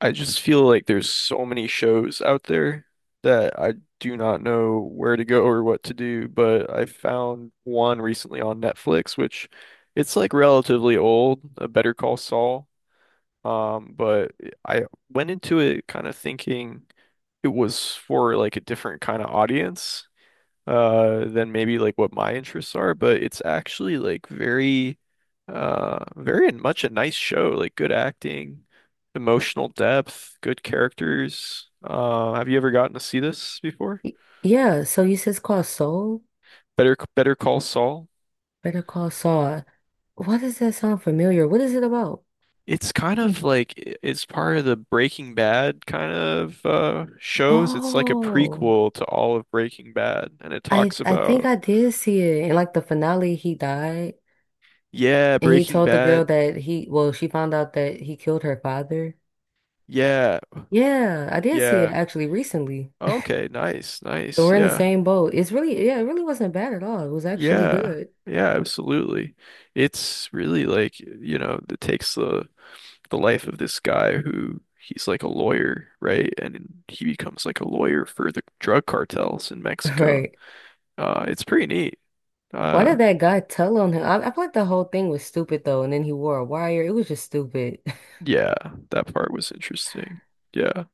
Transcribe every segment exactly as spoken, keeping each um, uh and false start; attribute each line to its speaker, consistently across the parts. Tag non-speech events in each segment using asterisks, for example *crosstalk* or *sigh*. Speaker 1: I just feel like there's so many shows out there that I do not know where to go or what to do, but I found one recently on Netflix, which it's like relatively old, a Better Call Saul. Um, but I went into it kind of thinking it was for like a different kind of audience, uh than maybe like what my interests are, but it's actually like very uh very much a nice show, like good acting, emotional depth, good characters. Uh, have you ever gotten to see this before?
Speaker 2: Y- Yeah, so you said it's called Soul,
Speaker 1: Better Better Call Saul.
Speaker 2: Better Call Saul. Why does that sound familiar? What is it about?
Speaker 1: It's kind of like i- it's part of the Breaking Bad kind of uh shows. It's like a
Speaker 2: Oh,
Speaker 1: prequel to all of Breaking Bad and it
Speaker 2: I
Speaker 1: talks
Speaker 2: I think
Speaker 1: about
Speaker 2: I did see it. In like the finale, he died,
Speaker 1: yeah,
Speaker 2: and he
Speaker 1: Breaking
Speaker 2: told the
Speaker 1: Bad.
Speaker 2: girl that he, well, she found out that he killed her father.
Speaker 1: Yeah.
Speaker 2: Yeah, I did see it
Speaker 1: Yeah.
Speaker 2: actually recently.
Speaker 1: Okay, nice,
Speaker 2: So
Speaker 1: nice.
Speaker 2: we're in the
Speaker 1: Yeah.
Speaker 2: same boat. It's really, yeah, it really wasn't bad at all. It was actually
Speaker 1: Yeah.
Speaker 2: good.
Speaker 1: Yeah, absolutely. It's really like, you know, it takes the the life of this guy who he's like a lawyer, right? And he becomes like a lawyer for the drug cartels in
Speaker 2: *laughs*
Speaker 1: Mexico.
Speaker 2: Right.
Speaker 1: Uh, it's pretty neat.
Speaker 2: Why
Speaker 1: Uh,
Speaker 2: did that guy tell on him? I, I feel like the whole thing was stupid though, and then he wore a wire. It was just stupid.
Speaker 1: yeah, that part was interesting. Yeah.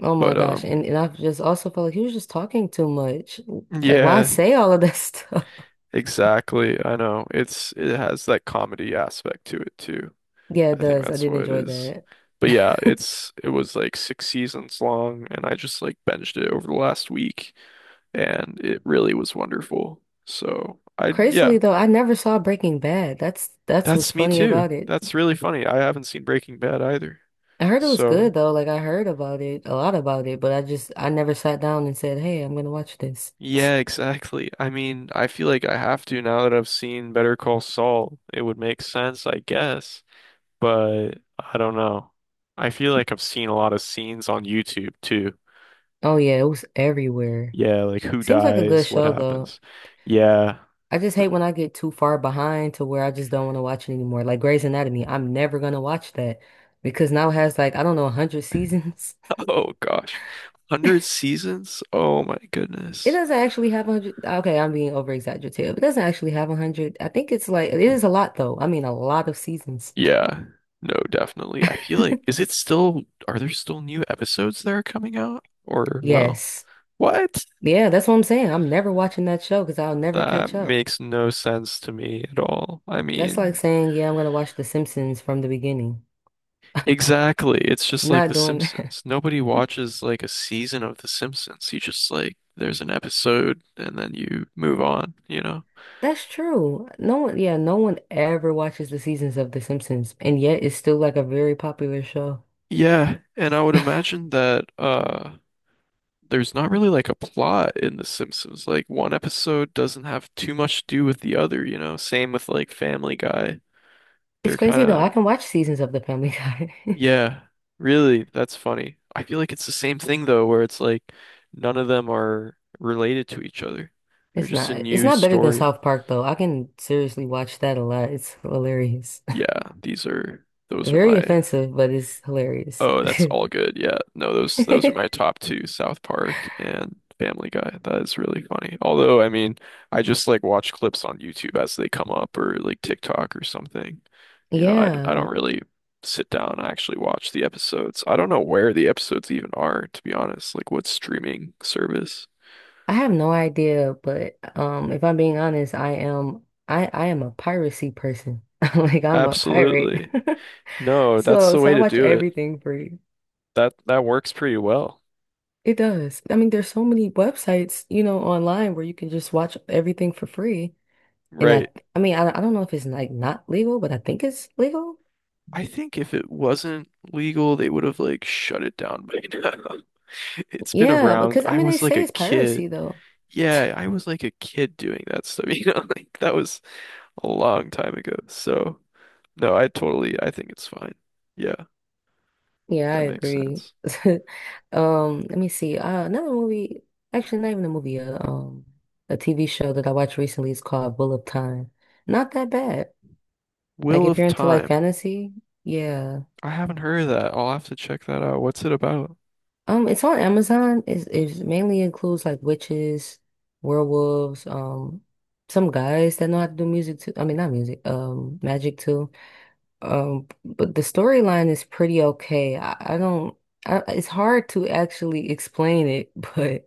Speaker 2: Oh my
Speaker 1: But
Speaker 2: gosh.
Speaker 1: um
Speaker 2: And and I just also felt like he was just talking too much. Like why
Speaker 1: yeah,
Speaker 2: say all of that *laughs* stuff?
Speaker 1: exactly. I know. It's it has that comedy aspect to it too.
Speaker 2: Yeah, it
Speaker 1: I think
Speaker 2: does. I
Speaker 1: that's
Speaker 2: did
Speaker 1: what it
Speaker 2: enjoy
Speaker 1: is.
Speaker 2: that.
Speaker 1: But yeah,
Speaker 2: *laughs*
Speaker 1: it's it was like six seasons long, and I just like binged it over the last week, and it really was wonderful. So I yeah,
Speaker 2: Crazily though, I never saw Breaking Bad. That's that's what's
Speaker 1: that's me
Speaker 2: funny
Speaker 1: too.
Speaker 2: about it.
Speaker 1: That's really funny. I haven't seen Breaking Bad either.
Speaker 2: I heard it was
Speaker 1: So
Speaker 2: good though. Like I heard about it, a lot about it, but I just I never sat down and said, "Hey, I'm gonna watch this." *laughs*
Speaker 1: yeah, exactly. I mean, I feel like I have to now that I've seen Better Call Saul. It would make sense, I guess, but I don't know. I feel like I've seen a lot of scenes on YouTube too.
Speaker 2: Oh yeah, it was everywhere.
Speaker 1: Yeah, like who
Speaker 2: Seems like a good
Speaker 1: dies, what
Speaker 2: show though.
Speaker 1: happens. Yeah. *laughs*
Speaker 2: I just hate when I get too far behind to where I just don't want to watch it anymore. Like Grey's Anatomy, I'm never gonna watch that because now it has like I don't know a hundred seasons. *laughs*
Speaker 1: Oh gosh. a hundred seasons? Oh my
Speaker 2: It
Speaker 1: goodness.
Speaker 2: doesn't actually have a hundred. Okay, I'm being over exaggerative. It doesn't actually have a hundred. I think it's like it is a lot though. I mean, a lot of seasons.
Speaker 1: Yeah. No, definitely. I feel like
Speaker 2: *laughs*
Speaker 1: is it still are there still new episodes that are coming out or no?
Speaker 2: Yes.
Speaker 1: What?
Speaker 2: Yeah, that's what I'm saying. I'm never watching that show because I'll never
Speaker 1: That
Speaker 2: catch up.
Speaker 1: makes no sense to me at all. I
Speaker 2: That's like
Speaker 1: mean,
Speaker 2: saying, yeah, I'm gonna watch The Simpsons from the beginning.
Speaker 1: exactly. It's just
Speaker 2: I'm
Speaker 1: like
Speaker 2: not
Speaker 1: The
Speaker 2: doing.
Speaker 1: Simpsons. Nobody watches like a season of The Simpsons. You just like there's an episode and then you move on, you know?
Speaker 2: That's true. No one, yeah, no one ever watches the seasons of The Simpsons, and yet it's still like a very popular show.
Speaker 1: Yeah, and I would imagine that uh there's not really like a plot in The Simpsons. Like one episode doesn't have too much to do with the other, you know. Same with like Family Guy.
Speaker 2: It's
Speaker 1: They're kind
Speaker 2: crazy though. I
Speaker 1: of
Speaker 2: can watch seasons of The Family Guy. *laughs*
Speaker 1: yeah, really, that's funny. I feel like it's the same thing though, where it's like none of them are related to each other. They're
Speaker 2: It's
Speaker 1: just
Speaker 2: not,
Speaker 1: a
Speaker 2: it's
Speaker 1: new
Speaker 2: not better than
Speaker 1: story.
Speaker 2: South Park though. I can seriously watch that a lot. It's hilarious.
Speaker 1: Yeah, these are
Speaker 2: *laughs*
Speaker 1: those are
Speaker 2: Very
Speaker 1: my
Speaker 2: offensive, but it's hilarious.
Speaker 1: oh, that's all good. Yeah. No, those those are my
Speaker 2: *laughs*
Speaker 1: top two, South Park and Family Guy. That is really funny. Although, I mean, I just like watch clips on YouTube as they come up or like TikTok or something. You know, I, d- I don't
Speaker 2: Yeah,
Speaker 1: really sit down and actually watch the episodes. I don't know where the episodes even are, to be honest. Like what streaming service?
Speaker 2: I have no idea, but um, if I'm being honest, I, am, I, I am a piracy person. *laughs* Like I'm a pirate.
Speaker 1: Absolutely.
Speaker 2: *laughs*
Speaker 1: No, that's
Speaker 2: So,
Speaker 1: the
Speaker 2: so
Speaker 1: way
Speaker 2: I
Speaker 1: to
Speaker 2: watch
Speaker 1: do it.
Speaker 2: everything free.
Speaker 1: That that works pretty well.
Speaker 2: It does. I mean, there's so many websites, you know, online where you can just watch everything for free. And I,
Speaker 1: Right.
Speaker 2: I mean, I, I don't know if it's like not legal, but I think it's legal.
Speaker 1: I think if it wasn't legal, they would have like shut it down by now. *laughs* It's been
Speaker 2: Yeah,
Speaker 1: around.
Speaker 2: because I
Speaker 1: I
Speaker 2: mean, they
Speaker 1: was like
Speaker 2: say
Speaker 1: a
Speaker 2: it's
Speaker 1: kid.
Speaker 2: piracy though.
Speaker 1: Yeah, I was like a kid doing that stuff, *laughs* you know, like that was a long time ago. So, no, I totally, I think it's fine. Yeah,
Speaker 2: Yeah, I
Speaker 1: that makes
Speaker 2: agree.
Speaker 1: sense.
Speaker 2: *laughs* Um, let me see. Uh, another movie, actually, not even a movie, uh, um, a T V show that I watched recently is called Bull of Time. Not that bad. Like
Speaker 1: Wheel
Speaker 2: if you're
Speaker 1: of
Speaker 2: into like
Speaker 1: Time.
Speaker 2: fantasy, yeah.
Speaker 1: I haven't heard of that. I'll have to check that out. What's it about?
Speaker 2: Um, it's on Amazon. It's, it's mainly includes like witches, werewolves, um, some guys that know how to do music too. I mean, not music, um, magic too. Um, but the storyline is pretty okay. I, I don't, I, it's hard to actually explain it, *laughs* but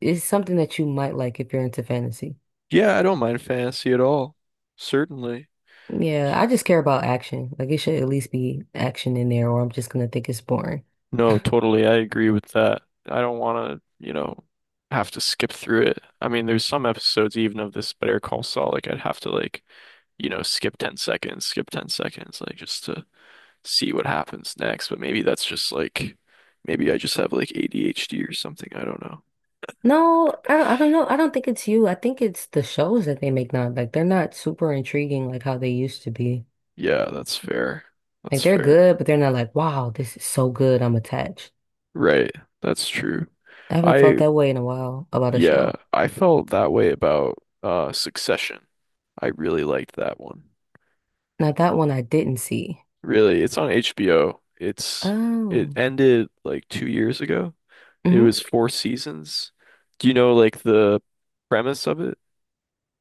Speaker 2: it's something that you might like if you're into fantasy.
Speaker 1: Yeah, I don't mind fantasy at all. Certainly.
Speaker 2: Yeah, I just care about action. Like it should at least be action in there, or I'm just gonna think it's boring.
Speaker 1: No, totally. I agree with that. I don't want to, you know, have to skip through it. I mean, there's some episodes even of this Better Call Saul, like I'd have to like, you know, skip ten seconds, skip ten seconds, like just to see what happens next, but maybe that's just like maybe I just have like A D H D or something. I don't know.
Speaker 2: No, I don't, I don't know. I don't think it's you. I think it's the shows that they make now. Like they're not super intriguing like how they used to be.
Speaker 1: Yeah, that's fair.
Speaker 2: Like
Speaker 1: That's
Speaker 2: they're
Speaker 1: fair.
Speaker 2: good, but they're not like, wow, this is so good. I'm attached.
Speaker 1: Right. That's true.
Speaker 2: I haven't felt
Speaker 1: I
Speaker 2: that way in a while about a
Speaker 1: yeah,
Speaker 2: show.
Speaker 1: I felt that way about uh Succession. I really liked that one.
Speaker 2: Now that one I didn't see.
Speaker 1: Really, it's on H B O. It's it
Speaker 2: Oh,
Speaker 1: ended like two years ago. It
Speaker 2: hmm.
Speaker 1: was four seasons. Do you know like the premise of it?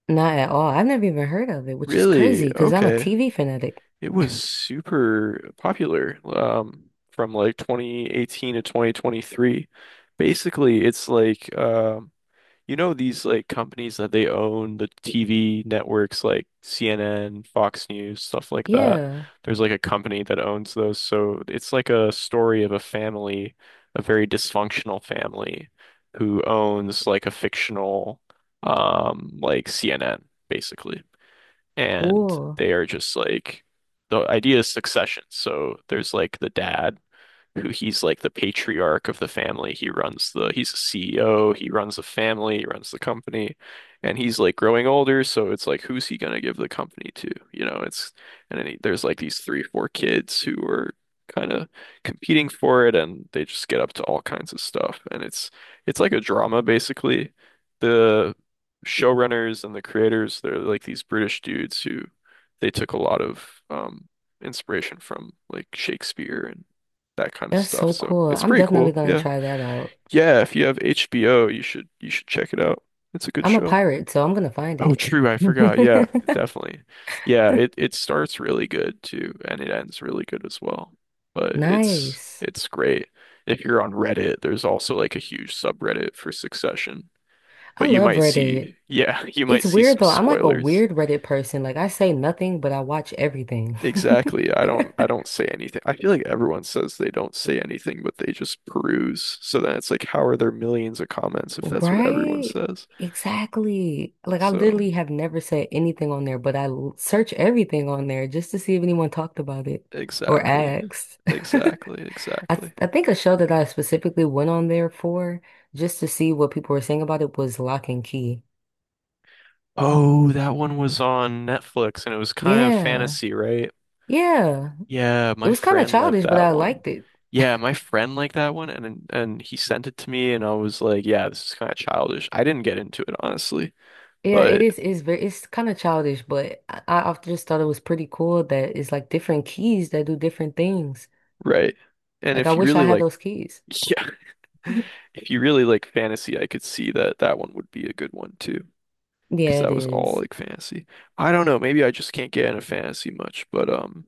Speaker 2: Not at all. I've never even heard of it, which is
Speaker 1: Really?
Speaker 2: crazy because I'm a
Speaker 1: Okay.
Speaker 2: T V fanatic.
Speaker 1: It was super popular um, from like twenty eighteen to twenty twenty-three. Basically, it's like um, you know these like companies that they own the T V networks like C N N, Fox News, stuff like that.
Speaker 2: Yeah,
Speaker 1: There's like a company that owns those. So it's like a story of a family, a very dysfunctional family who owns like a fictional um like C N N, basically and
Speaker 2: cool.
Speaker 1: they are just like the idea is succession. So there's like the dad who he's like the patriarch of the family. He runs the, he's a C E O, he runs the family, he runs the company, and he's like growing older, so it's like who's he gonna give the company to? You know, it's and then he, there's like these three, four kids who are kind of competing for it and they just get up to all kinds of stuff. And it's it's like a drama basically. The showrunners and the creators, they're like these British dudes who they took a lot of um inspiration from like Shakespeare and that kind of
Speaker 2: That's
Speaker 1: stuff.
Speaker 2: so
Speaker 1: So
Speaker 2: cool.
Speaker 1: it's
Speaker 2: I'm
Speaker 1: pretty
Speaker 2: definitely
Speaker 1: cool.
Speaker 2: gonna
Speaker 1: Yeah.
Speaker 2: try that out.
Speaker 1: Yeah, if you have H B O, you should you should check it out. It's a good
Speaker 2: I'm a
Speaker 1: show.
Speaker 2: pirate, so I'm gonna find
Speaker 1: Oh,
Speaker 2: it.
Speaker 1: true, I forgot. Yeah,
Speaker 2: *laughs*
Speaker 1: definitely. Yeah, it it starts really good too, and it ends really good as well. But it's
Speaker 2: Nice.
Speaker 1: it's great. If you're on Reddit, there's also like a huge subreddit for Succession.
Speaker 2: I
Speaker 1: But you
Speaker 2: love
Speaker 1: might
Speaker 2: Reddit.
Speaker 1: see, yeah, *laughs* you might
Speaker 2: It's
Speaker 1: see
Speaker 2: weird
Speaker 1: some
Speaker 2: though. I'm like a
Speaker 1: spoilers.
Speaker 2: weird Reddit person. Like I say nothing, but I watch everything. *laughs*
Speaker 1: Exactly. I don't I don't say anything. I feel like everyone says they don't say anything, but they just peruse. So then it's like, how are there millions of comments if that's what everyone
Speaker 2: Right?
Speaker 1: says?
Speaker 2: Exactly. Like I
Speaker 1: So
Speaker 2: literally have never said anything on there, but I l- search everything on there just to see if anyone talked about it or
Speaker 1: exactly.
Speaker 2: asked. *laughs*
Speaker 1: Exactly.
Speaker 2: I th
Speaker 1: Exactly.
Speaker 2: I think a show that I specifically went on there for just to see what people were saying about it was Lock and Key.
Speaker 1: Oh, that one was on Netflix and it was kind of
Speaker 2: Yeah.
Speaker 1: fantasy, right?
Speaker 2: Yeah.
Speaker 1: Yeah,
Speaker 2: It
Speaker 1: my
Speaker 2: was kind of
Speaker 1: friend liked
Speaker 2: childish, but
Speaker 1: that
Speaker 2: I
Speaker 1: one.
Speaker 2: liked it.
Speaker 1: Yeah, my friend liked that one and and he sent it to me and I was like, yeah, this is kind of childish. I didn't get into it honestly,
Speaker 2: Yeah, it
Speaker 1: but
Speaker 2: is. It's very. It's kind of childish, but I, I often just thought it was pretty cool that it's like different keys that do different things.
Speaker 1: right. And
Speaker 2: Like I
Speaker 1: if you
Speaker 2: wish I
Speaker 1: really
Speaker 2: had
Speaker 1: like
Speaker 2: those keys.
Speaker 1: *laughs* yeah.
Speaker 2: *laughs*
Speaker 1: If you really like fantasy, I could see that that one would be a good one too, because
Speaker 2: Yeah, it
Speaker 1: that was all
Speaker 2: is.
Speaker 1: like fantasy. I don't know, maybe I just can't get into fantasy much, but um,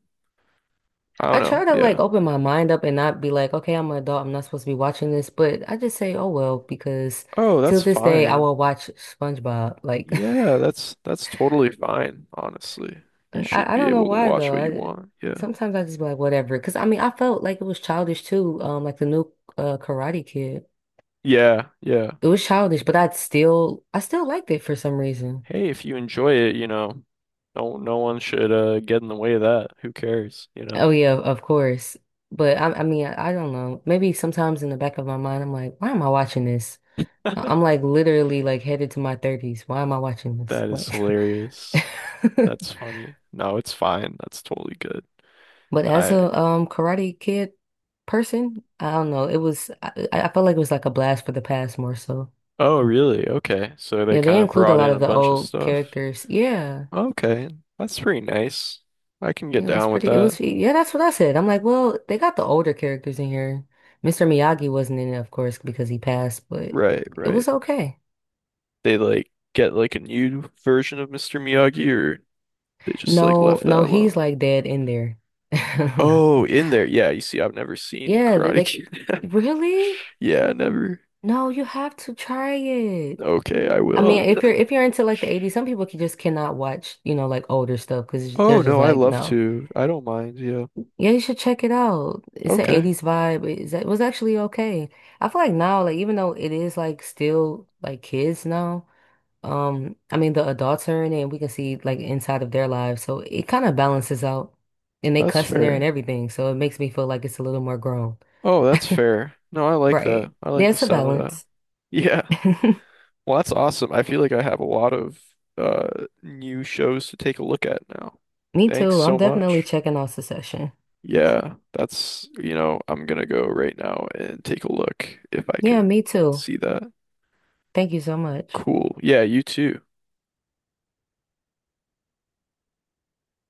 Speaker 1: I don't
Speaker 2: I
Speaker 1: know.
Speaker 2: try to like
Speaker 1: Yeah.
Speaker 2: open my mind up and not be like, okay, I'm an adult. I'm not supposed to be watching this, but I just say, oh well, because
Speaker 1: Oh, that's
Speaker 2: till this day, I
Speaker 1: fine.
Speaker 2: will watch SpongeBob. Like, *laughs*
Speaker 1: Yeah, that's that's totally fine, honestly. You should
Speaker 2: I, I
Speaker 1: be
Speaker 2: don't know
Speaker 1: able to
Speaker 2: why
Speaker 1: watch
Speaker 2: though.
Speaker 1: what you
Speaker 2: I
Speaker 1: want. Yeah.
Speaker 2: sometimes I just be like, whatever. Because I mean, I felt like it was childish too. Um, like the new uh, Karate Kid.
Speaker 1: Yeah, yeah.
Speaker 2: It was childish, but I still I still liked it for some reason.
Speaker 1: Hey, if you enjoy it, you know, no no one should uh get in the way of that. Who cares, you know?
Speaker 2: Oh yeah, of course. But I I mean I, I don't know. Maybe sometimes in the back of my mind I'm like, why am I watching this? I- I'm like literally like headed to my thirties. Why am I watching this?
Speaker 1: That is
Speaker 2: Like
Speaker 1: hilarious.
Speaker 2: *laughs*
Speaker 1: That's funny. No, it's fine. That's totally good.
Speaker 2: But as
Speaker 1: I
Speaker 2: a um Karate Kid person, I don't know. It was I, I felt like it was like a blast for the past more so.
Speaker 1: oh, really? Okay. So they
Speaker 2: Yeah, they
Speaker 1: kind of
Speaker 2: include a
Speaker 1: brought
Speaker 2: lot
Speaker 1: in a
Speaker 2: of the
Speaker 1: bunch of
Speaker 2: old
Speaker 1: stuff.
Speaker 2: characters. Yeah.
Speaker 1: Okay. That's pretty nice. I can get
Speaker 2: Yeah, It was
Speaker 1: down with
Speaker 2: pretty. It
Speaker 1: that.
Speaker 2: was, yeah, that's what I said. I'm like, well, they got the older characters in here. Mister Miyagi wasn't in it, of course, because he passed, but
Speaker 1: Right,
Speaker 2: it
Speaker 1: right.
Speaker 2: was okay.
Speaker 1: They like get like a new version of mister Miyagi or they just like
Speaker 2: No,
Speaker 1: left that
Speaker 2: no, he's
Speaker 1: alone.
Speaker 2: like dead in there. *laughs*
Speaker 1: Oh, in there. Yeah, you see, I've never seen
Speaker 2: Yeah, they,
Speaker 1: Karate
Speaker 2: they
Speaker 1: Kid. *laughs*
Speaker 2: really?
Speaker 1: Yeah, never.
Speaker 2: No, you have to try it.
Speaker 1: Okay, I
Speaker 2: I
Speaker 1: will.
Speaker 2: mean, if
Speaker 1: *laughs*
Speaker 2: you're if you're into like the eighties, some people can just cannot watch, you know, like older stuff because
Speaker 1: Oh,
Speaker 2: they're just
Speaker 1: no, I
Speaker 2: like,
Speaker 1: love
Speaker 2: no.
Speaker 1: to. I don't mind. Yeah.
Speaker 2: Yeah, you should check it out. It's an
Speaker 1: Okay.
Speaker 2: eighties vibe. It's, it was actually okay. I feel like now, like even though it is like still like kids now, um, I mean the adults are in it and we can see like inside of their lives. So it kind of balances out. And they
Speaker 1: That's
Speaker 2: cuss in there and
Speaker 1: fair.
Speaker 2: everything. So it makes me feel like it's a little more grown.
Speaker 1: Oh, that's
Speaker 2: *laughs*
Speaker 1: fair. No, I like that.
Speaker 2: Right.
Speaker 1: I
Speaker 2: Yeah,
Speaker 1: like the
Speaker 2: it's a
Speaker 1: sound of that.
Speaker 2: balance.
Speaker 1: Yeah.
Speaker 2: *laughs*
Speaker 1: Well, that's awesome. I feel like I have a lot of uh new shows to take a look at now.
Speaker 2: Me
Speaker 1: Thanks
Speaker 2: too. I'm
Speaker 1: so
Speaker 2: definitely
Speaker 1: much.
Speaker 2: checking out Succession.
Speaker 1: Yeah, that's, you know, I'm gonna go right now and take a look if I
Speaker 2: Yeah,
Speaker 1: can
Speaker 2: me too.
Speaker 1: see that.
Speaker 2: Thank you so much.
Speaker 1: Cool. Yeah, you too.